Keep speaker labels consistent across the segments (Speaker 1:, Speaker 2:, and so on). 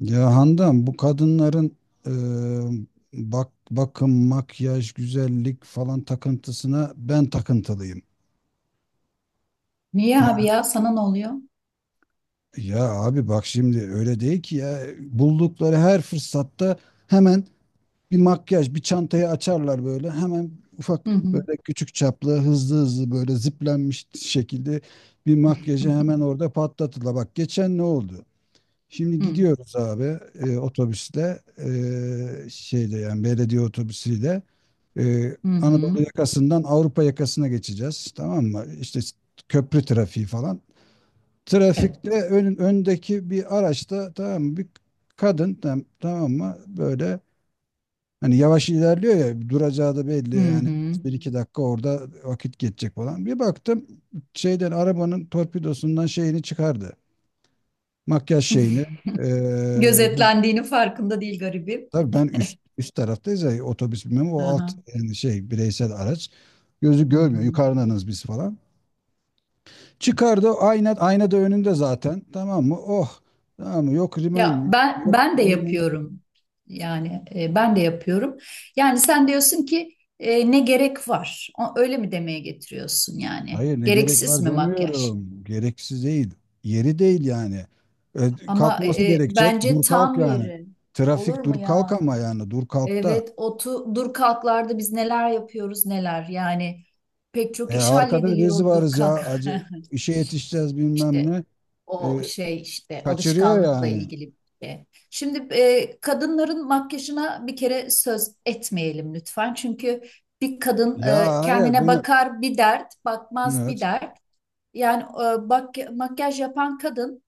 Speaker 1: Ya Handan bu kadınların e, bak bakım, makyaj, güzellik falan takıntısına ben takıntılıyım.
Speaker 2: Niye abi
Speaker 1: Ya
Speaker 2: ya? Sana ne oluyor?
Speaker 1: ya abi bak şimdi öyle değil ki ya buldukları her fırsatta hemen bir makyaj, bir çantayı açarlar böyle hemen
Speaker 2: Hı
Speaker 1: ufak
Speaker 2: hı.
Speaker 1: böyle küçük çaplı hızlı hızlı böyle ziplenmiş şekilde bir makyajı hemen orada patlatırlar. Bak geçen ne oldu? Şimdi
Speaker 2: Hı
Speaker 1: gidiyoruz abi, otobüsle, şeyde yani belediye otobüsüyle.
Speaker 2: hı. Hı.
Speaker 1: Anadolu yakasından Avrupa yakasına geçeceğiz. Tamam mı? İşte köprü trafiği falan. Trafikte
Speaker 2: Evet.
Speaker 1: öndeki bir araçta, tamam mı? Bir kadın, tamam mı? Böyle hani yavaş ilerliyor ya, duracağı da belli
Speaker 2: Hı
Speaker 1: yani
Speaker 2: hı.
Speaker 1: bir iki dakika orada vakit geçecek falan. Bir baktım şeyden, arabanın torpidosundan şeyini çıkardı. Makyaj şeyini. Ee,
Speaker 2: Gözetlendiğinin farkında değil garibim.
Speaker 1: tabii ben üst taraftayız ya otobüs, bilmem, o alt
Speaker 2: Aha.
Speaker 1: yani şey bireysel araç. Gözü
Speaker 2: Hı
Speaker 1: görmüyor.
Speaker 2: hı.
Speaker 1: Yukarıdanız biz falan. Çıkardı ayna, ayna da önünde zaten. Tamam mı? Oh. Tamam mı? Yok rimen
Speaker 2: Ya
Speaker 1: mi?
Speaker 2: ben
Speaker 1: Yok
Speaker 2: ben de
Speaker 1: bilmem.
Speaker 2: yapıyorum. Yani ben de yapıyorum. Yani sen diyorsun ki ne gerek var? Öyle mi demeye getiriyorsun yani?
Speaker 1: Hayır, ne gerek
Speaker 2: Gereksiz
Speaker 1: var
Speaker 2: mi makyaj?
Speaker 1: demiyorum. Gereksiz değil. Yeri değil yani. E,
Speaker 2: Ama
Speaker 1: kalkması gerekecek.
Speaker 2: bence
Speaker 1: Dur kalk
Speaker 2: tam
Speaker 1: yani.
Speaker 2: yeri. Olur
Speaker 1: Trafik
Speaker 2: mu
Speaker 1: dur kalk
Speaker 2: ya?
Speaker 1: ama yani dur kalk da.
Speaker 2: Evet, dur kalklarda biz neler yapıyoruz neler. Yani pek
Speaker 1: E,
Speaker 2: çok iş
Speaker 1: arkada
Speaker 2: hallediliyor
Speaker 1: biz
Speaker 2: o dur
Speaker 1: varız
Speaker 2: kalk.
Speaker 1: ya. Acı, işe yetişeceğiz bilmem
Speaker 2: İşte
Speaker 1: ne.
Speaker 2: o
Speaker 1: E,
Speaker 2: şey işte
Speaker 1: kaçırıyor
Speaker 2: alışkanlıkla
Speaker 1: yani.
Speaker 2: ilgili bir şey. Şimdi kadınların makyajına bir kere söz etmeyelim lütfen. Çünkü bir kadın
Speaker 1: Ya hayır,
Speaker 2: kendine
Speaker 1: benim.
Speaker 2: bakar bir dert, bakmaz bir
Speaker 1: Evet.
Speaker 2: dert. Yani bak, makyaj yapan kadın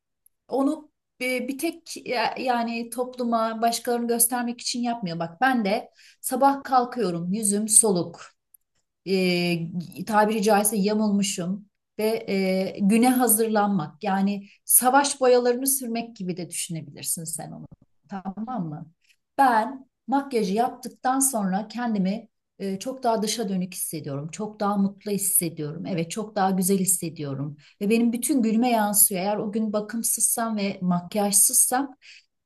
Speaker 2: onu bir tek yani topluma başkalarını göstermek için yapmıyor. Bak ben de sabah kalkıyorum, yüzüm soluk, tabiri caizse yamulmuşum ve güne hazırlanmak yani savaş boyalarını sürmek gibi de düşünebilirsin sen onu, tamam mı? Ben makyajı yaptıktan sonra kendimi çok daha dışa dönük hissediyorum. Çok daha mutlu hissediyorum. Evet, çok daha güzel hissediyorum. Ve benim bütün gülme yansıyor. Eğer o gün bakımsızsam ve makyajsızsam,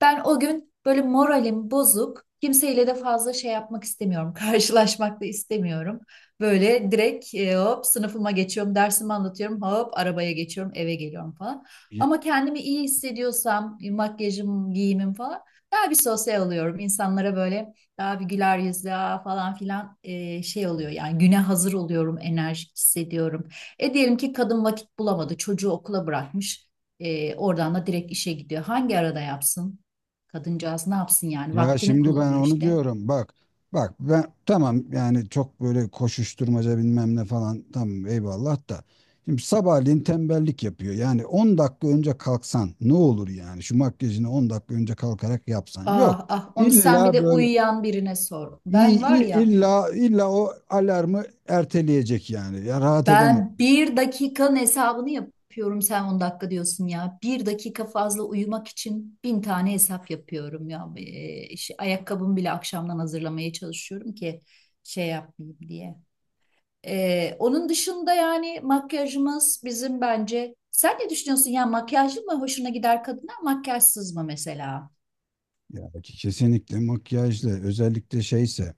Speaker 2: ben o gün böyle moralim bozuk. Kimseyle de fazla şey yapmak istemiyorum. Karşılaşmak da istemiyorum. Böyle direkt hop sınıfıma geçiyorum, dersimi anlatıyorum, hop arabaya geçiyorum, eve geliyorum falan. Ama kendimi iyi hissediyorsam, makyajım, giyimim falan, daha bir sosyal oluyorum. İnsanlara böyle daha bir güler yüzlü "Aa," falan filan şey oluyor. Yani güne hazır oluyorum, enerjik hissediyorum. Diyelim ki kadın vakit bulamadı, çocuğu okula bırakmış. Oradan da direkt işe gidiyor. Hangi arada yapsın? Kadıncağız ne yapsın yani?
Speaker 1: Ya
Speaker 2: Vaktini
Speaker 1: şimdi ben
Speaker 2: kullanıyor
Speaker 1: onu
Speaker 2: işte.
Speaker 1: diyorum. Bak, ben tamam yani çok böyle koşuşturmaca bilmem ne falan tamam eyvallah da. Şimdi sabahleyin tembellik yapıyor. Yani 10 dakika önce kalksan ne olur yani? Şu makyajını 10 dakika önce kalkarak yapsan. Yok.
Speaker 2: Ah ah, onu sen bir
Speaker 1: İlla
Speaker 2: de
Speaker 1: böyle
Speaker 2: uyuyan birine sor. Ben var ya,
Speaker 1: illa o alarmı erteleyecek yani. Ya rahat edemez.
Speaker 2: ben bir dakikanın hesabını yapıyorum, sen 10 dakika diyorsun ya. Bir dakika fazla uyumak için bin tane hesap yapıyorum ya. İşte ayakkabımı bile akşamdan hazırlamaya çalışıyorum ki şey yapmayayım diye. Onun dışında yani makyajımız bizim, bence sen ne düşünüyorsun ya, makyajlı mı hoşuna gider kadına, makyajsız mı mesela,
Speaker 1: Ya ki kesinlikle makyajlı, özellikle şeyse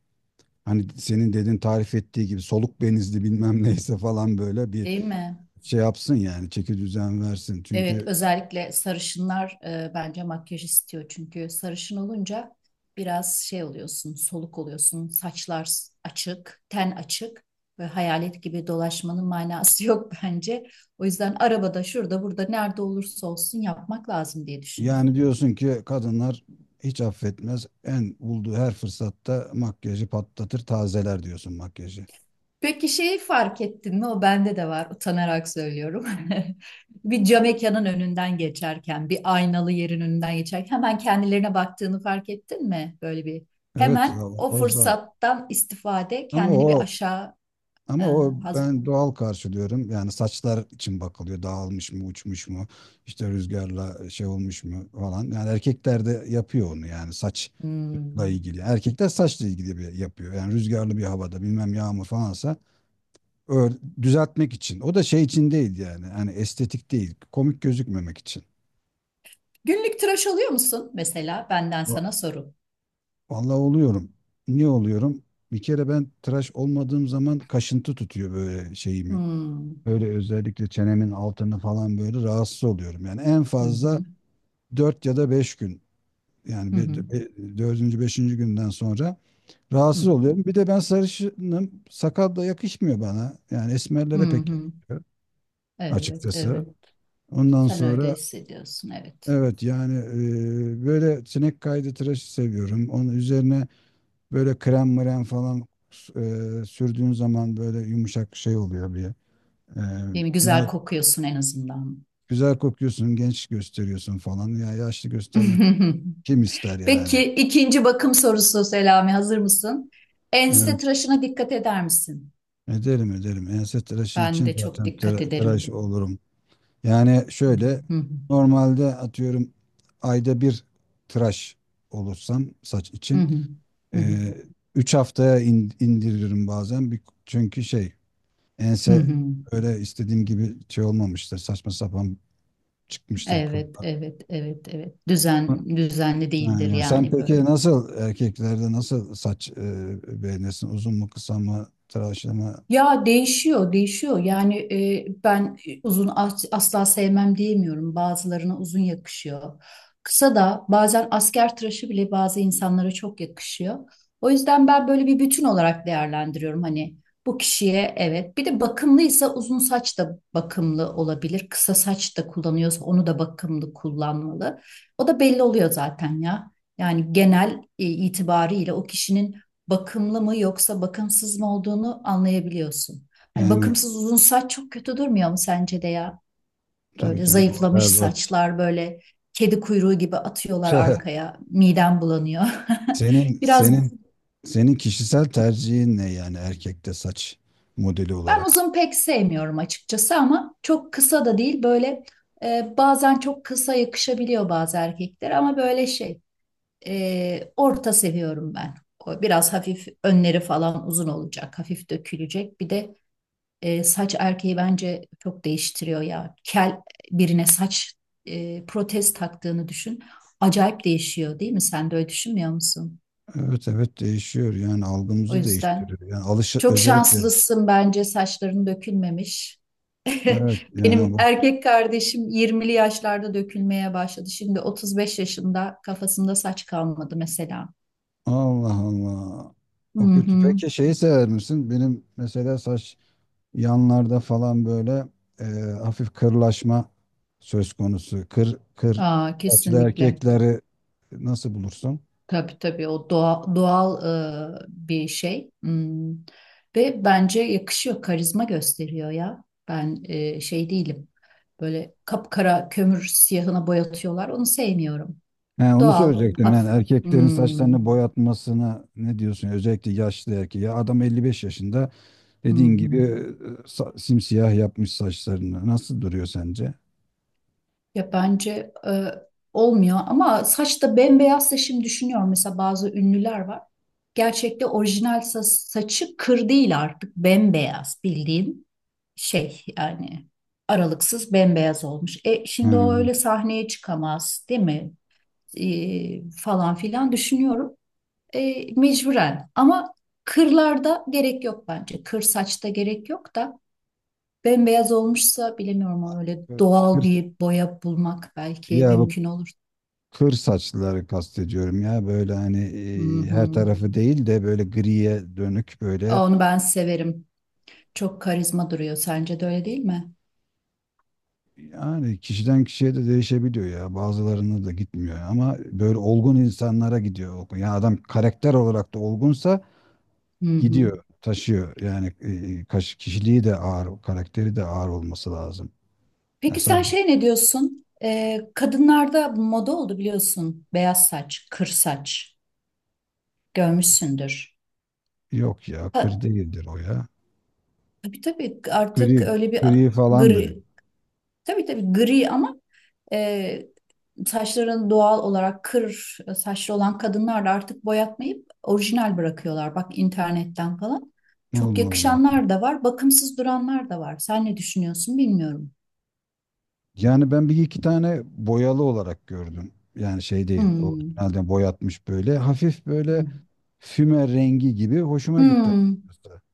Speaker 1: hani senin dedin tarif ettiği gibi soluk benizli bilmem neyse falan, böyle bir
Speaker 2: değil mi?
Speaker 1: şey yapsın yani çeki düzen versin.
Speaker 2: Evet,
Speaker 1: Çünkü
Speaker 2: özellikle sarışınlar bence makyaj istiyor, çünkü sarışın olunca biraz şey oluyorsun, soluk oluyorsun, saçlar açık, ten açık ve hayalet gibi dolaşmanın manası yok bence. O yüzden arabada, şurada, burada, nerede olursa olsun yapmak lazım diye düşünüyorum.
Speaker 1: yani diyorsun ki kadınlar hiç affetmez. En bulduğu her fırsatta makyajı patlatır, tazeler diyorsun makyajı.
Speaker 2: Peki şeyi fark ettin mi? O bende de var. Utanarak söylüyorum. Bir cam mekanın önünden geçerken, bir aynalı yerin önünden geçerken hemen kendilerine baktığını fark ettin mi? Böyle bir
Speaker 1: Evet. o,
Speaker 2: hemen o
Speaker 1: o za-
Speaker 2: fırsattan istifade
Speaker 1: ama
Speaker 2: kendini bir
Speaker 1: o
Speaker 2: aşağı e,
Speaker 1: ama o
Speaker 2: haz-
Speaker 1: ben doğal karşılıyorum. Yani saçlar için bakılıyor. Dağılmış mı, uçmuş mu, işte rüzgarla şey olmuş mu falan. Yani erkekler de yapıyor onu, yani saçla
Speaker 2: Hmm.
Speaker 1: ilgili. Erkekler saçla ilgili bir yapıyor. Yani rüzgarlı bir havada bilmem yağmur falansa, ör- düzeltmek için. O da şey için değil yani. Hani estetik değil. Komik gözükmemek için.
Speaker 2: Günlük tıraş oluyor musun mesela? Benden
Speaker 1: Va-
Speaker 2: sana soru.
Speaker 1: Vallahi oluyorum. Niye oluyorum? Bir kere ben tıraş olmadığım zaman kaşıntı tutuyor böyle şeyimi.
Speaker 2: Hmm.
Speaker 1: Böyle özellikle çenemin altını falan böyle rahatsız oluyorum. Yani en
Speaker 2: Hı
Speaker 1: fazla
Speaker 2: hı.
Speaker 1: 4 ya da 5 gün. Yani
Speaker 2: Hı hı.
Speaker 1: 4. 5. günden sonra
Speaker 2: Hı
Speaker 1: rahatsız oluyorum. Bir de ben sarışınım. Sakal da yakışmıyor bana. Yani
Speaker 2: hı.
Speaker 1: esmerlere pek
Speaker 2: Hı.
Speaker 1: yakışıyor
Speaker 2: Evet,
Speaker 1: açıkçası.
Speaker 2: evet.
Speaker 1: Ondan
Speaker 2: Sen öyle
Speaker 1: sonra
Speaker 2: hissediyorsun, evet.
Speaker 1: evet yani, böyle sinek kaydı tıraşı seviyorum. Onun üzerine böyle krem mrem falan sürdüğün zaman böyle yumuşak şey oluyor bir. E,
Speaker 2: Değil mi? Güzel
Speaker 1: biraz
Speaker 2: kokuyorsun en azından.
Speaker 1: güzel kokuyorsun, genç gösteriyorsun falan. Ya yaşlı göstermek kim ister yani?
Speaker 2: Peki ikinci bakım sorusu Selami, hazır mısın? Ense
Speaker 1: Evet.
Speaker 2: tıraşına dikkat eder misin?
Speaker 1: Ederim, ederim. Ense tıraşı
Speaker 2: Ben
Speaker 1: için
Speaker 2: de çok
Speaker 1: zaten
Speaker 2: dikkat
Speaker 1: tıraş
Speaker 2: ederim.
Speaker 1: olurum. Yani şöyle
Speaker 2: Hı hı,
Speaker 1: normalde atıyorum ayda bir tıraş olursam saç
Speaker 2: hı
Speaker 1: için,
Speaker 2: hı, hı hı,
Speaker 1: ee, üç haftaya indiririm bazen. Bir, çünkü şey
Speaker 2: hı
Speaker 1: ense
Speaker 2: hı.
Speaker 1: öyle istediğim gibi şey olmamıştır. Saçma sapan çıkmıştır
Speaker 2: Evet,
Speaker 1: kıllar.
Speaker 2: evet, evet, evet. Düzenli
Speaker 1: Ha,
Speaker 2: değildir
Speaker 1: ya sen
Speaker 2: yani
Speaker 1: peki
Speaker 2: böyle.
Speaker 1: nasıl, erkeklerde nasıl saç beğenirsin? Uzun mu, kısa mı, tıraşlı mı?
Speaker 2: Ya değişiyor, değişiyor. Yani ben uzun asla sevmem diyemiyorum. Bazılarına uzun yakışıyor. Kısa da bazen asker tıraşı bile bazı insanlara çok yakışıyor. O yüzden ben böyle bir bütün olarak değerlendiriyorum. Hani bu kişiye evet. Bir de bakımlıysa uzun saç da bakımlı olabilir. Kısa saç da kullanıyorsa onu da bakımlı kullanmalı. O da belli oluyor zaten ya. Yani genel itibariyle o kişinin bakımlı mı yoksa bakımsız mı olduğunu anlayabiliyorsun. Hani
Speaker 1: Yani
Speaker 2: bakımsız uzun saç çok kötü durmuyor mu sence de ya?
Speaker 1: tabii
Speaker 2: Böyle
Speaker 1: canım, o
Speaker 2: zayıflamış
Speaker 1: berbat.
Speaker 2: saçlar, böyle kedi kuyruğu gibi atıyorlar arkaya. Midem bulanıyor.
Speaker 1: Senin
Speaker 2: Biraz
Speaker 1: senin senin kişisel tercihin ne yani, erkekte saç modeli
Speaker 2: ben
Speaker 1: olarak?
Speaker 2: uzun pek sevmiyorum açıkçası, ama çok kısa da değil, böyle bazen çok kısa yakışabiliyor bazı erkekler ama böyle şey, orta seviyorum ben. O biraz hafif önleri falan uzun olacak, hafif dökülecek. Bir de saç erkeği bence çok değiştiriyor ya. Kel birine saç protez taktığını düşün. Acayip değişiyor, değil mi? Sen de öyle düşünmüyor musun?
Speaker 1: Evet evet değişiyor yani,
Speaker 2: O
Speaker 1: algımızı
Speaker 2: yüzden
Speaker 1: değiştiriyor. Yani alış
Speaker 2: çok
Speaker 1: özellikle
Speaker 2: şanslısın bence, saçların dökülmemiş.
Speaker 1: evet yani
Speaker 2: Benim
Speaker 1: bu
Speaker 2: erkek kardeşim 20'li yaşlarda dökülmeye başladı. Şimdi 35 yaşında kafasında saç kalmadı mesela.
Speaker 1: Allah Allah.
Speaker 2: Hı
Speaker 1: O kötü.
Speaker 2: hı.
Speaker 1: Peki şeyi sever misin? Benim mesela saç yanlarda falan böyle e, hafif kırlaşma söz konusu. Kır
Speaker 2: Aa,
Speaker 1: saçlı
Speaker 2: kesinlikle.
Speaker 1: erkekleri nasıl bulursun?
Speaker 2: Tabii tabii, o doğal bir şey. Hmm. Ve bence yakışıyor, karizma gösteriyor ya. Ben şey değilim. Böyle kapkara kömür siyahına boyatıyorlar. Onu sevmiyorum.
Speaker 1: He, onu
Speaker 2: Doğal,
Speaker 1: söyleyecektim. Yani
Speaker 2: hafif.
Speaker 1: erkeklerin
Speaker 2: Hmm,
Speaker 1: saçlarını boyatmasına ne diyorsun? Özellikle yaşlı erkeği. Ya adam 55 yaşında,
Speaker 2: hı
Speaker 1: dediğin
Speaker 2: hı.
Speaker 1: gibi, simsiyah yapmış saçlarını. Nasıl duruyor sence?
Speaker 2: Ya bence olmuyor, ama saçta bembeyazsa, şimdi düşünüyorum mesela, bazı ünlüler var. Gerçekte orijinal saçı kır değil, artık bembeyaz, bildiğin şey yani, aralıksız bembeyaz olmuş. Şimdi o
Speaker 1: Hı.
Speaker 2: öyle sahneye çıkamaz, değil mi? Falan filan düşünüyorum. Mecburen ama, kırlarda gerek yok bence. Kır saçta gerek yok da, bembeyaz olmuşsa bilemiyorum, ama öyle
Speaker 1: Kır,
Speaker 2: doğal
Speaker 1: kır-
Speaker 2: bir boya bulmak belki
Speaker 1: ya bu
Speaker 2: mümkün olur.
Speaker 1: kır saçlıları kastediyorum ya böyle hani
Speaker 2: Hı
Speaker 1: her
Speaker 2: hı.
Speaker 1: tarafı değil de böyle griye dönük böyle,
Speaker 2: Onu ben severim. Çok karizma duruyor. Sence de öyle değil mi?
Speaker 1: yani kişiden kişiye de değişebiliyor ya, bazılarına da gitmiyor ama böyle olgun insanlara gidiyor ya, yani adam karakter olarak da olgunsa
Speaker 2: Hı hı.
Speaker 1: gidiyor, taşıyor yani. Kişiliği de ağır, karakteri de ağır olması lazım
Speaker 2: Peki
Speaker 1: mesela.
Speaker 2: sen şey ne diyorsun? Kadınlarda moda oldu biliyorsun. Beyaz saç, kır saç. Görmüşsündür.
Speaker 1: Yok ya, kır
Speaker 2: Ha,
Speaker 1: değildir o ya,
Speaker 2: tabii tabii artık
Speaker 1: gri
Speaker 2: öyle bir
Speaker 1: gri falandır.
Speaker 2: gri, tabii tabii gri, ama E, saçlarını doğal olarak kır saçlı olan kadınlar da artık boyatmayıp orijinal bırakıyorlar. Bak internetten falan. Çok
Speaker 1: Allah Allah.
Speaker 2: yakışanlar da var, bakımsız duranlar da var. Sen ne düşünüyorsun bilmiyorum.
Speaker 1: Yani ben bir iki tane boyalı olarak gördüm. Yani şey değil,
Speaker 2: Hmm.
Speaker 1: orijinalden boyatmış böyle. Hafif böyle
Speaker 2: Hmm.
Speaker 1: füme rengi gibi, hoşuma gitti.
Speaker 2: Hmm.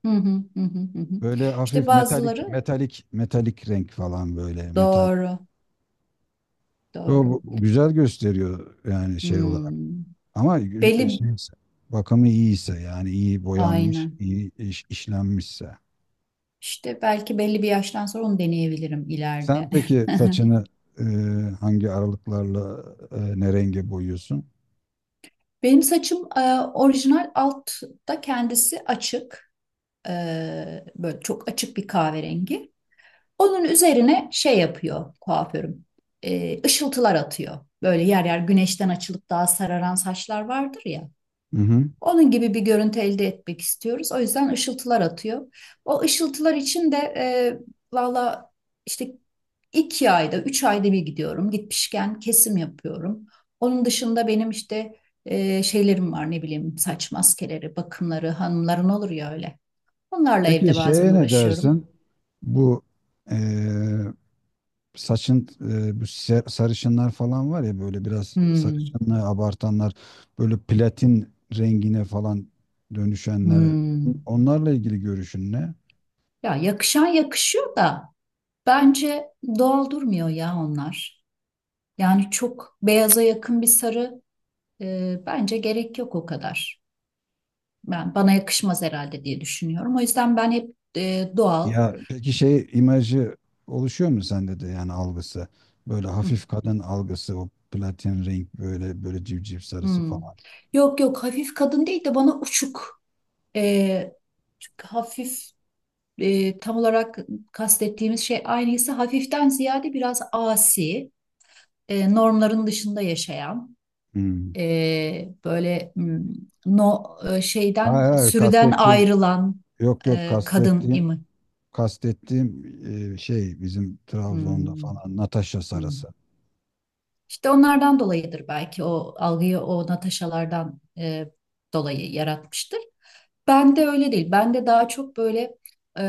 Speaker 2: Hı hı, hı hı, hı hı.
Speaker 1: Böyle
Speaker 2: İşte
Speaker 1: hafif
Speaker 2: bazıları
Speaker 1: metalik renk falan, böyle metal.
Speaker 2: doğru,
Speaker 1: O,
Speaker 2: doğru.
Speaker 1: güzel gösteriyor yani şey olarak.
Speaker 2: Hmm.
Speaker 1: Ama
Speaker 2: Belli,
Speaker 1: şeyse, bakımı iyiyse yani iyi boyanmış,
Speaker 2: aynen.
Speaker 1: iyi işlenmişse.
Speaker 2: İşte belki belli bir yaştan sonra onu deneyebilirim
Speaker 1: Sen
Speaker 2: ileride.
Speaker 1: peki saçını, e, hangi aralıklarla, ne renge boyuyorsun?
Speaker 2: Benim saçım orijinal altta kendisi açık. E, Böyle çok açık bir kahverengi. Onun üzerine şey yapıyor kuaförüm. Işıltılar atıyor. Böyle yer yer güneşten açılıp daha sararan saçlar vardır ya.
Speaker 1: Hı hı.
Speaker 2: Onun gibi bir görüntü elde etmek istiyoruz. O yüzden ışıltılar atıyor. O ışıltılar için de valla, işte 2 ayda, 3 ayda bir gidiyorum. Gitmişken kesim yapıyorum. Onun dışında benim işte şeylerim var, ne bileyim, saç maskeleri, bakımları, hanımların olur ya öyle. Onlarla
Speaker 1: Peki
Speaker 2: evde bazen
Speaker 1: şeye ne
Speaker 2: uğraşıyorum.
Speaker 1: dersin? Bu, eee, saçın, sarışınlar falan var ya, böyle biraz
Speaker 2: Hmm,
Speaker 1: sarışınlığı abartanlar, böyle platin rengine falan dönüşenler,
Speaker 2: hmm.
Speaker 1: onlarla ilgili görüşün ne?
Speaker 2: Ya yakışan yakışıyor da, bence doğal durmuyor ya onlar. Yani çok beyaza yakın bir sarı. Bence gerek yok o kadar. Ben bana yakışmaz herhalde diye düşünüyorum. O yüzden ben hep doğal.
Speaker 1: Ya peki şey imajı oluşuyor mu sende de, yani algısı? Böyle
Speaker 2: Hı,
Speaker 1: hafif kadın algısı, o platin renk, böyle böyle civciv sarısı
Speaker 2: hı.
Speaker 1: falan.
Speaker 2: Yok yok, hafif kadın değil de, bana uçuk. E, Çünkü hafif tam olarak kastettiğimiz şey aynıysa, hafiften ziyade biraz asi, normların dışında yaşayan,
Speaker 1: Hmm.
Speaker 2: böyle no şeyden
Speaker 1: Hayır hayır
Speaker 2: sürüden
Speaker 1: kastettiğim
Speaker 2: ayrılan
Speaker 1: yok yok
Speaker 2: kadın
Speaker 1: kastettiğim
Speaker 2: imi.
Speaker 1: Kastettiğim, şey, bizim Trabzon'da
Speaker 2: Hmm,
Speaker 1: falan Natasha
Speaker 2: hmm.
Speaker 1: Sarası.
Speaker 2: İşte onlardan dolayıdır belki o algıyı, o Natasha'lardan dolayı yaratmıştır. Ben de öyle değil. Ben de daha çok böyle e,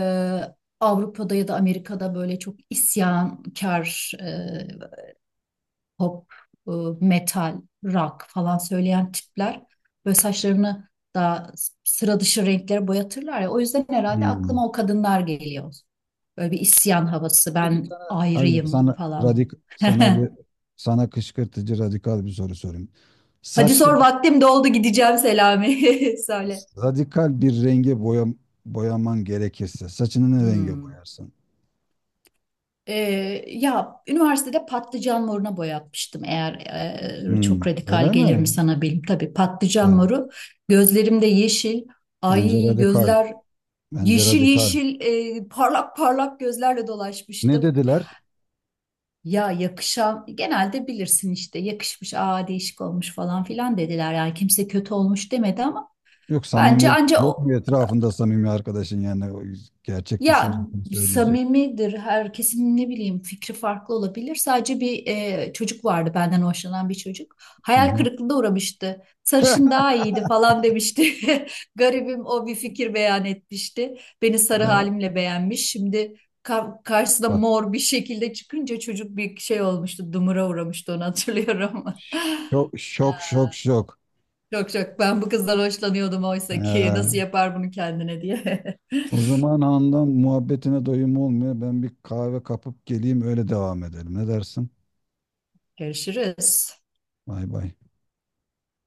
Speaker 2: Avrupa'da ya da Amerika'da böyle çok isyankar, pop, e, metal, rock falan söyleyen tipler böyle saçlarını daha sıra dışı renklere boyatırlar ya. O yüzden herhalde
Speaker 1: Hmm.
Speaker 2: aklıma o kadınlar geliyor. Böyle bir isyan havası,
Speaker 1: Peki
Speaker 2: ben
Speaker 1: sana, hadi bak
Speaker 2: ayrıyım
Speaker 1: sana
Speaker 2: falan.
Speaker 1: radik sana bir sana kışkırtıcı radikal bir soru sorayım.
Speaker 2: Hadi sor,
Speaker 1: Saçları
Speaker 2: vaktim doldu, gideceğim Selami. Söyle.
Speaker 1: radikal bir renge boya, boyaman gerekirse saçını ne renge
Speaker 2: Hmm.
Speaker 1: boyarsın?
Speaker 2: Ya üniversitede patlıcan moruna boyatmıştım. Eğer
Speaker 1: Hmm,
Speaker 2: çok radikal
Speaker 1: öyle
Speaker 2: gelir mi
Speaker 1: mi?
Speaker 2: sana bilim? Tabii patlıcan
Speaker 1: Ya,
Speaker 2: moru. Gözlerimde yeşil.
Speaker 1: bence
Speaker 2: Ay
Speaker 1: radikal.
Speaker 2: gözler
Speaker 1: Bence
Speaker 2: yeşil
Speaker 1: radikal.
Speaker 2: yeşil, parlak parlak gözlerle
Speaker 1: Ne
Speaker 2: dolaşmıştım.
Speaker 1: dediler?
Speaker 2: Ya yakışan, genelde bilirsin işte, yakışmış, aa değişik olmuş falan filan dediler. Yani kimse kötü olmuş demedi, ama
Speaker 1: Yok
Speaker 2: bence
Speaker 1: samimiyet
Speaker 2: anca
Speaker 1: yok
Speaker 2: o.
Speaker 1: mu etrafında, samimi arkadaşın yani, o gerçek
Speaker 2: Ya
Speaker 1: düşüncesini söyleyecek.
Speaker 2: samimidir, herkesin ne bileyim fikri farklı olabilir. Sadece bir çocuk vardı, benden hoşlanan bir çocuk.
Speaker 1: Hı
Speaker 2: Hayal
Speaker 1: hı.
Speaker 2: kırıklığına uğramıştı. Sarışın daha iyiydi falan demişti. Garibim o, bir fikir beyan etmişti. Beni sarı
Speaker 1: Evet.
Speaker 2: halimle beğenmiş. Şimdi karşısına mor bir şekilde çıkınca çocuk bir şey olmuştu. Dumura uğramıştı, onu hatırlıyorum.
Speaker 1: Şok şok şok şok.
Speaker 2: Çok çok ben bu kızdan hoşlanıyordum, oysa ki nasıl
Speaker 1: Ee,
Speaker 2: yapar bunu kendine diye.
Speaker 1: o zaman andan muhabbetine doyum olmuyor. Ben bir kahve kapıp geleyim, öyle devam edelim. Ne dersin?
Speaker 2: Görüşürüz.
Speaker 1: Bay bay.